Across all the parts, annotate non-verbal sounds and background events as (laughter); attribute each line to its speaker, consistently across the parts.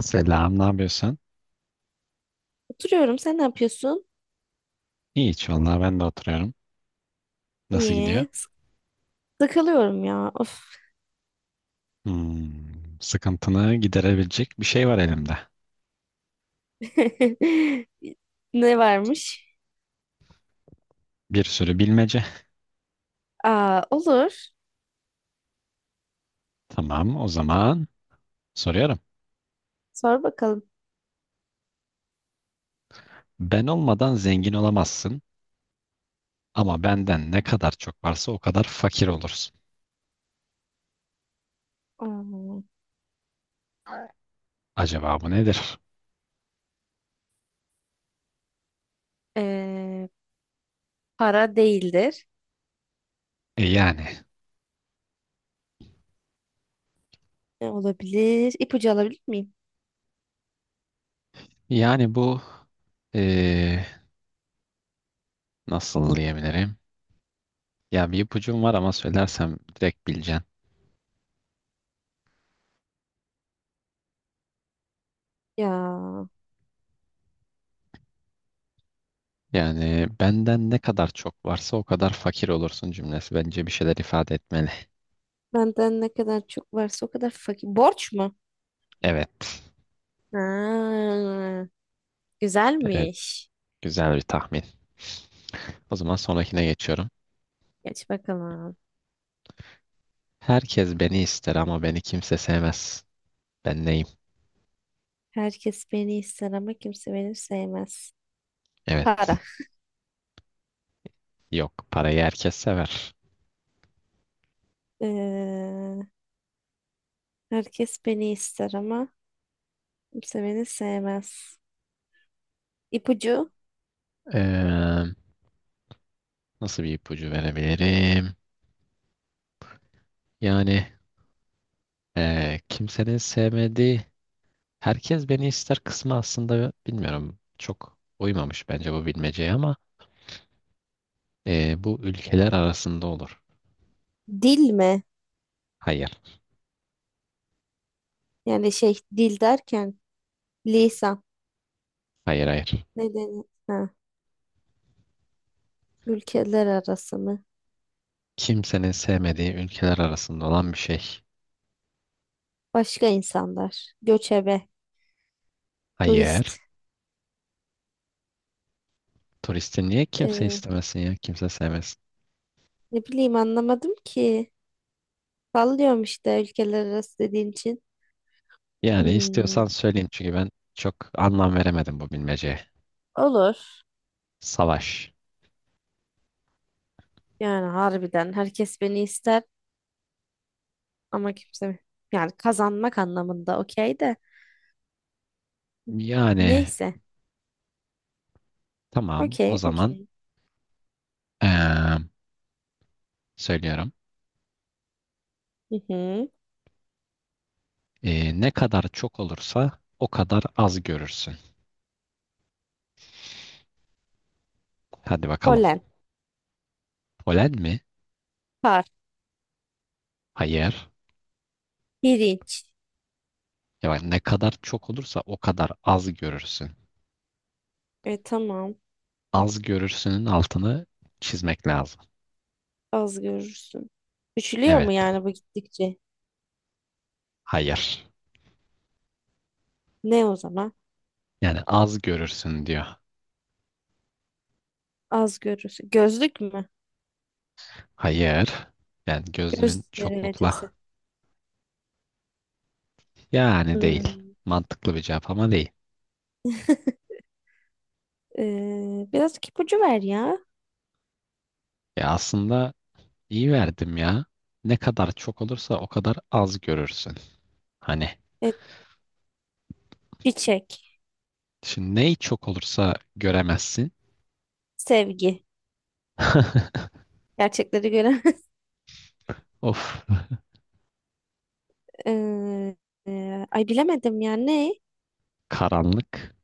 Speaker 1: Selam, ne yapıyorsun?
Speaker 2: Oturuyorum. Sen ne yapıyorsun?
Speaker 1: İyi hiç vallahi ben de oturuyorum. Nasıl gidiyor?
Speaker 2: İyi. Sıkılıyorum ya. Of.
Speaker 1: Hmm, sıkıntını giderebilecek bir şey var elimde.
Speaker 2: (laughs) Ne varmış?
Speaker 1: Bir sürü bilmece.
Speaker 2: Aa, olur.
Speaker 1: Tamam, o zaman soruyorum.
Speaker 2: Sor bakalım.
Speaker 1: Ben olmadan zengin olamazsın ama benden ne kadar çok varsa o kadar fakir olursun.
Speaker 2: Aa,
Speaker 1: Acaba bu nedir?
Speaker 2: ee, para değildir.
Speaker 1: E yani,
Speaker 2: Ne olabilir? İpucu alabilir miyim?
Speaker 1: yani bu e, nasıl diyebilirim? Ya bir ipucum var ama söylersem direkt bileceksin.
Speaker 2: Ya
Speaker 1: Yani benden ne kadar çok varsa o kadar fakir olursun cümlesi bence bir şeyler ifade etmeli.
Speaker 2: benden ne kadar çok varsa o kadar fakir. Borç mu?
Speaker 1: Evet.
Speaker 2: Ha,
Speaker 1: Evet.
Speaker 2: güzelmiş.
Speaker 1: Güzel bir tahmin. O zaman sonrakine geçiyorum.
Speaker 2: Geç bakalım.
Speaker 1: Herkes beni ister ama beni kimse sevmez. Ben neyim?
Speaker 2: Herkes beni ister ama kimse beni sevmez.
Speaker 1: Evet.
Speaker 2: Para.
Speaker 1: Yok. Parayı herkes sever.
Speaker 2: Ee, herkes beni ister ama kimse beni sevmez. İpucu,
Speaker 1: Ee, Nasıl bir ipucu verebilirim? Yani kimsenin sevmediği herkes beni ister kısmı aslında bilmiyorum. Çok uymamış bence bu bilmeceye ama bu ülkeler arasında olur.
Speaker 2: dil mi?
Speaker 1: Hayır.
Speaker 2: Yani şey dil derken lisan.
Speaker 1: Hayır hayır.
Speaker 2: Neden? Ha, ülkeler arası mı?
Speaker 1: Kimsenin sevmediği ülkeler arasında olan bir şey.
Speaker 2: Başka insanlar. Göçebe.
Speaker 1: Hayır.
Speaker 2: Turist.
Speaker 1: Turisti niye kimse
Speaker 2: Ee,
Speaker 1: istemesin ya? Kimse sevmesin.
Speaker 2: ne bileyim anlamadım ki. Sallıyorum işte ülkeler arası dediğin için.
Speaker 1: Yani istiyorsan
Speaker 2: Hmm,
Speaker 1: söyleyeyim çünkü ben çok anlam veremedim bu bilmeceye.
Speaker 2: olur.
Speaker 1: Savaş.
Speaker 2: Yani harbiden herkes beni ister ama kimse, yani kazanmak anlamında okey de.
Speaker 1: Yani
Speaker 2: Neyse.
Speaker 1: tamam o
Speaker 2: Okey,
Speaker 1: zaman
Speaker 2: okey.
Speaker 1: eee, söylüyorum.
Speaker 2: Hı hı.
Speaker 1: Ne kadar çok olursa o kadar az görürsün. Hadi bakalım.
Speaker 2: Polen.
Speaker 1: Polen mi?
Speaker 2: Par.
Speaker 1: Hayır.
Speaker 2: Pirinç.
Speaker 1: Ya bak, ne kadar çok olursa o kadar az görürsün.
Speaker 2: E tamam.
Speaker 1: Az görürsünün altını çizmek lazım.
Speaker 2: Az görürsün. Küçülüyor
Speaker 1: Evet.
Speaker 2: mu yani bu gittikçe?
Speaker 1: Hayır.
Speaker 2: Ne o zaman?
Speaker 1: Yani az görürsün diyor.
Speaker 2: Az görürsün. Gözlük mü?
Speaker 1: Hayır. Yani
Speaker 2: Göz
Speaker 1: gözlüğün çoklukla.
Speaker 2: derecesi.
Speaker 1: Yani değil.
Speaker 2: Hmm.
Speaker 1: Mantıklı bir cevap ama değil.
Speaker 2: (laughs) Biraz ipucu ver ya.
Speaker 1: Ya aslında iyi verdim ya. Ne kadar çok olursa o kadar az görürsün. Hani
Speaker 2: Evet, çiçek,
Speaker 1: şimdi neyi çok olursa göremezsin.
Speaker 2: sevgi.
Speaker 1: (laughs)
Speaker 2: Gerçekleri gören. (laughs)
Speaker 1: Of.
Speaker 2: Ee, ay bilemedim ya ne?
Speaker 1: Karanlık.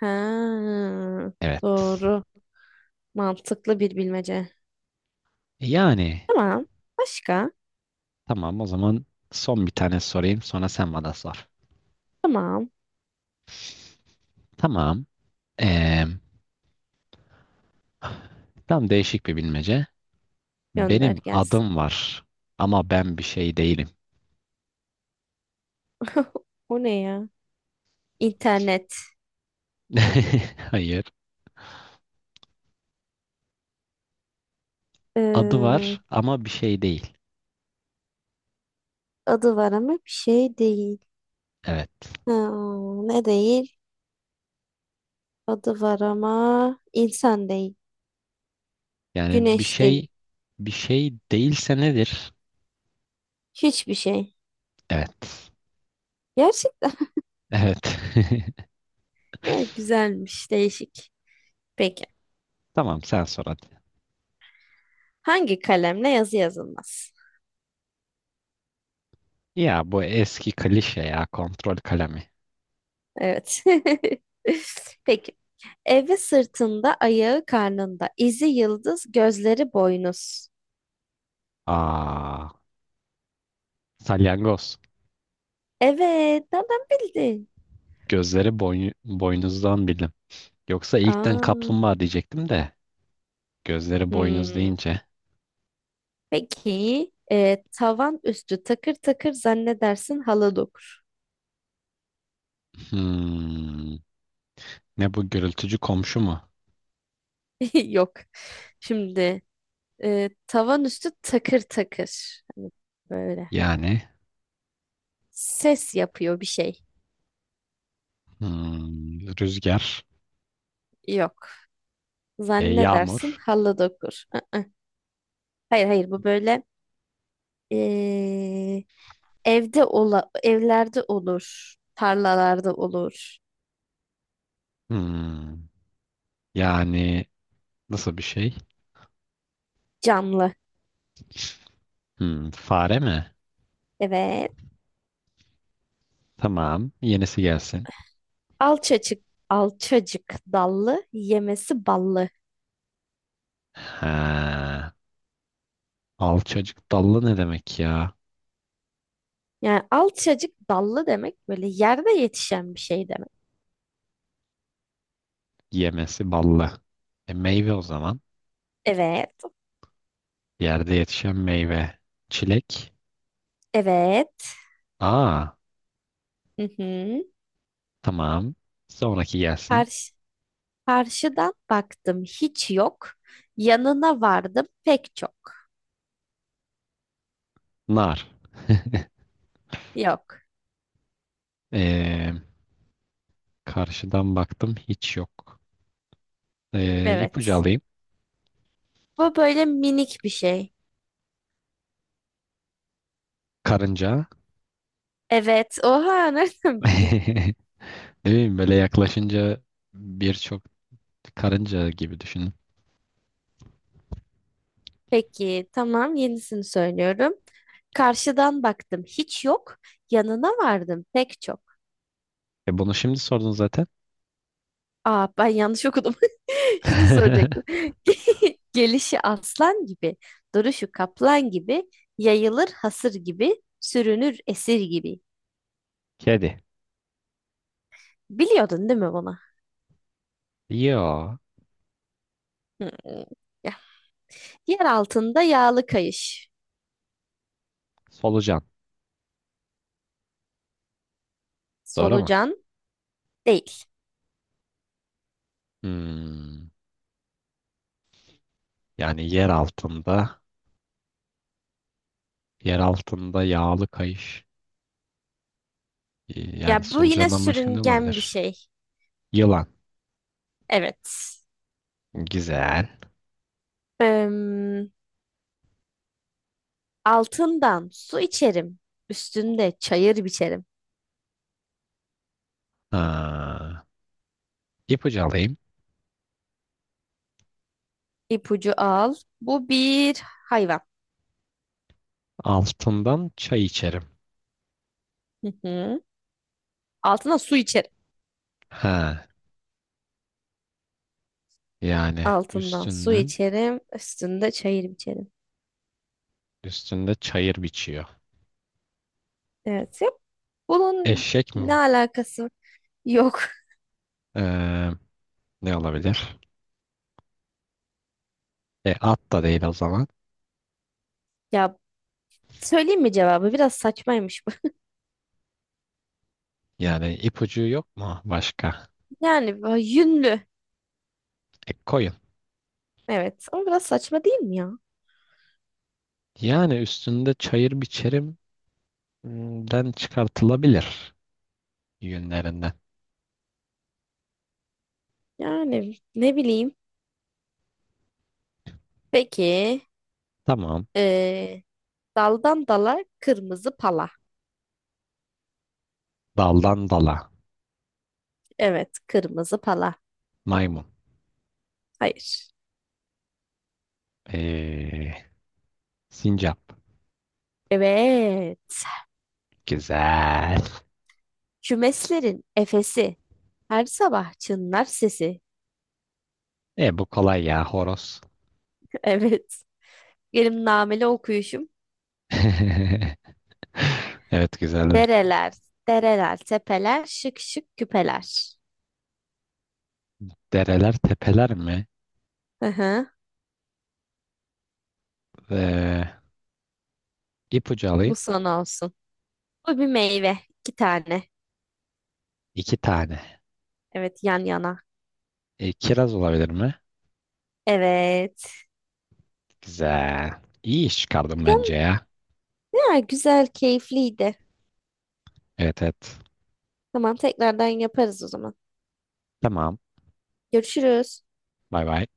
Speaker 2: Ha,
Speaker 1: Evet.
Speaker 2: doğru. Mantıklı bir bilmece.
Speaker 1: E yani
Speaker 2: Tamam. Başka?
Speaker 1: tamam o zaman son bir tane sorayım sonra sen bana sor.
Speaker 2: Tamam.
Speaker 1: Tamam. Eee Tam değişik bir bilmece.
Speaker 2: Gönder
Speaker 1: Benim
Speaker 2: gelsin.
Speaker 1: adım var ama ben bir şey değilim.
Speaker 2: (laughs) O ne ya? İnternet.
Speaker 1: (laughs) Hayır. Adı
Speaker 2: Ee,
Speaker 1: var ama bir şey değil.
Speaker 2: Adı var ama bir şey değil.
Speaker 1: Evet.
Speaker 2: Ha, ne değil? Adı var ama insan değil.
Speaker 1: Yani bir
Speaker 2: Güneş
Speaker 1: şey
Speaker 2: değil.
Speaker 1: bir şey değilse nedir?
Speaker 2: Hiçbir şey.
Speaker 1: Evet.
Speaker 2: Gerçekten.
Speaker 1: Evet. (laughs)
Speaker 2: (laughs) Ya, güzelmiş, değişik. Peki.
Speaker 1: Tamam sen sor hadi.
Speaker 2: Hangi kalemle yazı yazılmaz?
Speaker 1: Ya bu eski klişe ya kontrol kalemi.
Speaker 2: Evet. (laughs) Peki. Evi sırtında, ayağı karnında. İzi yıldız, gözleri boynuz.
Speaker 1: Aa, salyangoz.
Speaker 2: Evet, nereden bildin?
Speaker 1: Boynuzdan bildim. Yoksa ilkten
Speaker 2: Aa,
Speaker 1: kaplumbağa diyecektim de gözleri boynuz
Speaker 2: hmm.
Speaker 1: deyince.
Speaker 2: Peki. Tavan üstü takır takır zannedersin halı dokur.
Speaker 1: Hmm, ne bu gürültücü komşu mu?
Speaker 2: (laughs) Yok. Şimdi, tavan üstü takır takır. Hani böyle.
Speaker 1: Yani
Speaker 2: Ses yapıyor bir şey.
Speaker 1: hmm, rüzgar,
Speaker 2: Yok. Zannedersin
Speaker 1: yağmur.
Speaker 2: halı dokur. Aa. Hayır hayır, bu böyle, e, evlerde olur. Tarlalarda olur.
Speaker 1: Hmm, yani nasıl bir şey?
Speaker 2: Camlı.
Speaker 1: Hmm, fare mi?
Speaker 2: Evet.
Speaker 1: Tamam, yenisi gelsin.
Speaker 2: Alçacık alçacık dallı yemesi ballı.
Speaker 1: Ha, alçacık dallı ne demek ya?
Speaker 2: Yani alçacık dallı demek böyle yerde yetişen bir şey demek.
Speaker 1: Yemesi ballı. E, meyve o zaman.
Speaker 2: Evet.
Speaker 1: Yerde yetişen meyve. Çilek.
Speaker 2: Evet.
Speaker 1: Aa,
Speaker 2: Hı hı.
Speaker 1: tamam. Sonraki gelsin.
Speaker 2: Karşı, karşıdan baktım hiç yok. Yanına vardım pek çok.
Speaker 1: Nar. (laughs)
Speaker 2: Yok.
Speaker 1: E, Karşıdan baktım hiç yok. İpucu
Speaker 2: Evet.
Speaker 1: alayım.
Speaker 2: Bu böyle minik bir şey.
Speaker 1: Karınca.
Speaker 2: Evet. Oha (laughs) nereden bildin?
Speaker 1: (laughs) Değil mi? Böyle yaklaşınca birçok karınca gibi düşünün.
Speaker 2: Peki tamam, yenisini söylüyorum. Karşıdan baktım hiç yok. Yanına vardım pek çok.
Speaker 1: E bunu şimdi sordun zaten.
Speaker 2: Aa, ben yanlış okudum. (laughs) Şunu soracaktım.
Speaker 1: (laughs)
Speaker 2: (laughs) Gelişi aslan gibi, duruşu kaplan gibi, yayılır hasır gibi, sürünür esir gibi.
Speaker 1: Kedi.
Speaker 2: Biliyordun değil mi bunu?
Speaker 1: Yo.
Speaker 2: Hmm. Ya, yer altında yağlı kayış.
Speaker 1: Solucan. Doğru mu?
Speaker 2: Solucan değil.
Speaker 1: Hmm. Yani yer altında, yer altında yağlı kayış. Yani
Speaker 2: Ya bu yine
Speaker 1: solucandan başka ne
Speaker 2: sürüngen bir
Speaker 1: olabilir?
Speaker 2: şey.
Speaker 1: Yılan.
Speaker 2: Evet.
Speaker 1: Güzel.
Speaker 2: Em, altından su içerim. Üstünde çayır biçerim.
Speaker 1: Ha. İpucu alayım.
Speaker 2: İpucu al. Bu bir hayvan.
Speaker 1: Altından çay içerim.
Speaker 2: Hı hı. Altına su içerim.
Speaker 1: Ha. Yani
Speaker 2: Altından su
Speaker 1: üstünden,
Speaker 2: içerim. Üstünde çayır biçerim.
Speaker 1: üstünde çayır biçiyor.
Speaker 2: Evet. Yok. Bunun
Speaker 1: Eşek mi
Speaker 2: ne
Speaker 1: bu?
Speaker 2: alakası yok.
Speaker 1: Ee, ne olabilir? E, at da değil o zaman.
Speaker 2: Ya, söyleyeyim mi cevabı? Biraz saçmaymış bu. (laughs)
Speaker 1: Yani ipucu yok mu başka?
Speaker 2: Yani bu yünlü.
Speaker 1: E, koyun.
Speaker 2: Evet ama biraz saçma değil mi ya?
Speaker 1: Yani üstünde çayır biçerimden çıkartılabilir yünlerinden.
Speaker 2: Yani ne bileyim. Peki
Speaker 1: Tamam.
Speaker 2: eee, daldan dala kırmızı pala.
Speaker 1: Daldan dala.
Speaker 2: Evet kırmızı pala.
Speaker 1: Maymun.
Speaker 2: Hayır.
Speaker 1: E, sincap.
Speaker 2: Evet.
Speaker 1: Güzel.
Speaker 2: Kümeslerin efesi. Her sabah çınlar sesi.
Speaker 1: E bu kolay ya horoz.
Speaker 2: (laughs) Evet. Benim nameli okuyuşum.
Speaker 1: (laughs) Evet güzeldi.
Speaker 2: Dereler, dereler, tepeler, şık şık küpeler.
Speaker 1: Dereler tepeler mi?
Speaker 2: Hı hı.
Speaker 1: E, ipucu
Speaker 2: Bu
Speaker 1: alayım.
Speaker 2: son olsun. Bu bir meyve. İki tane.
Speaker 1: İki tane.
Speaker 2: Evet yan yana.
Speaker 1: E, kiraz olabilir mi?
Speaker 2: Evet.
Speaker 1: Güzel. İyi iş çıkardım bence
Speaker 2: Tam-
Speaker 1: ya.
Speaker 2: Ya, güzel, keyifliydi.
Speaker 1: Evet evet.
Speaker 2: Tamam tekrardan yaparız o zaman.
Speaker 1: Tamam.
Speaker 2: Görüşürüz.
Speaker 1: Bay bay.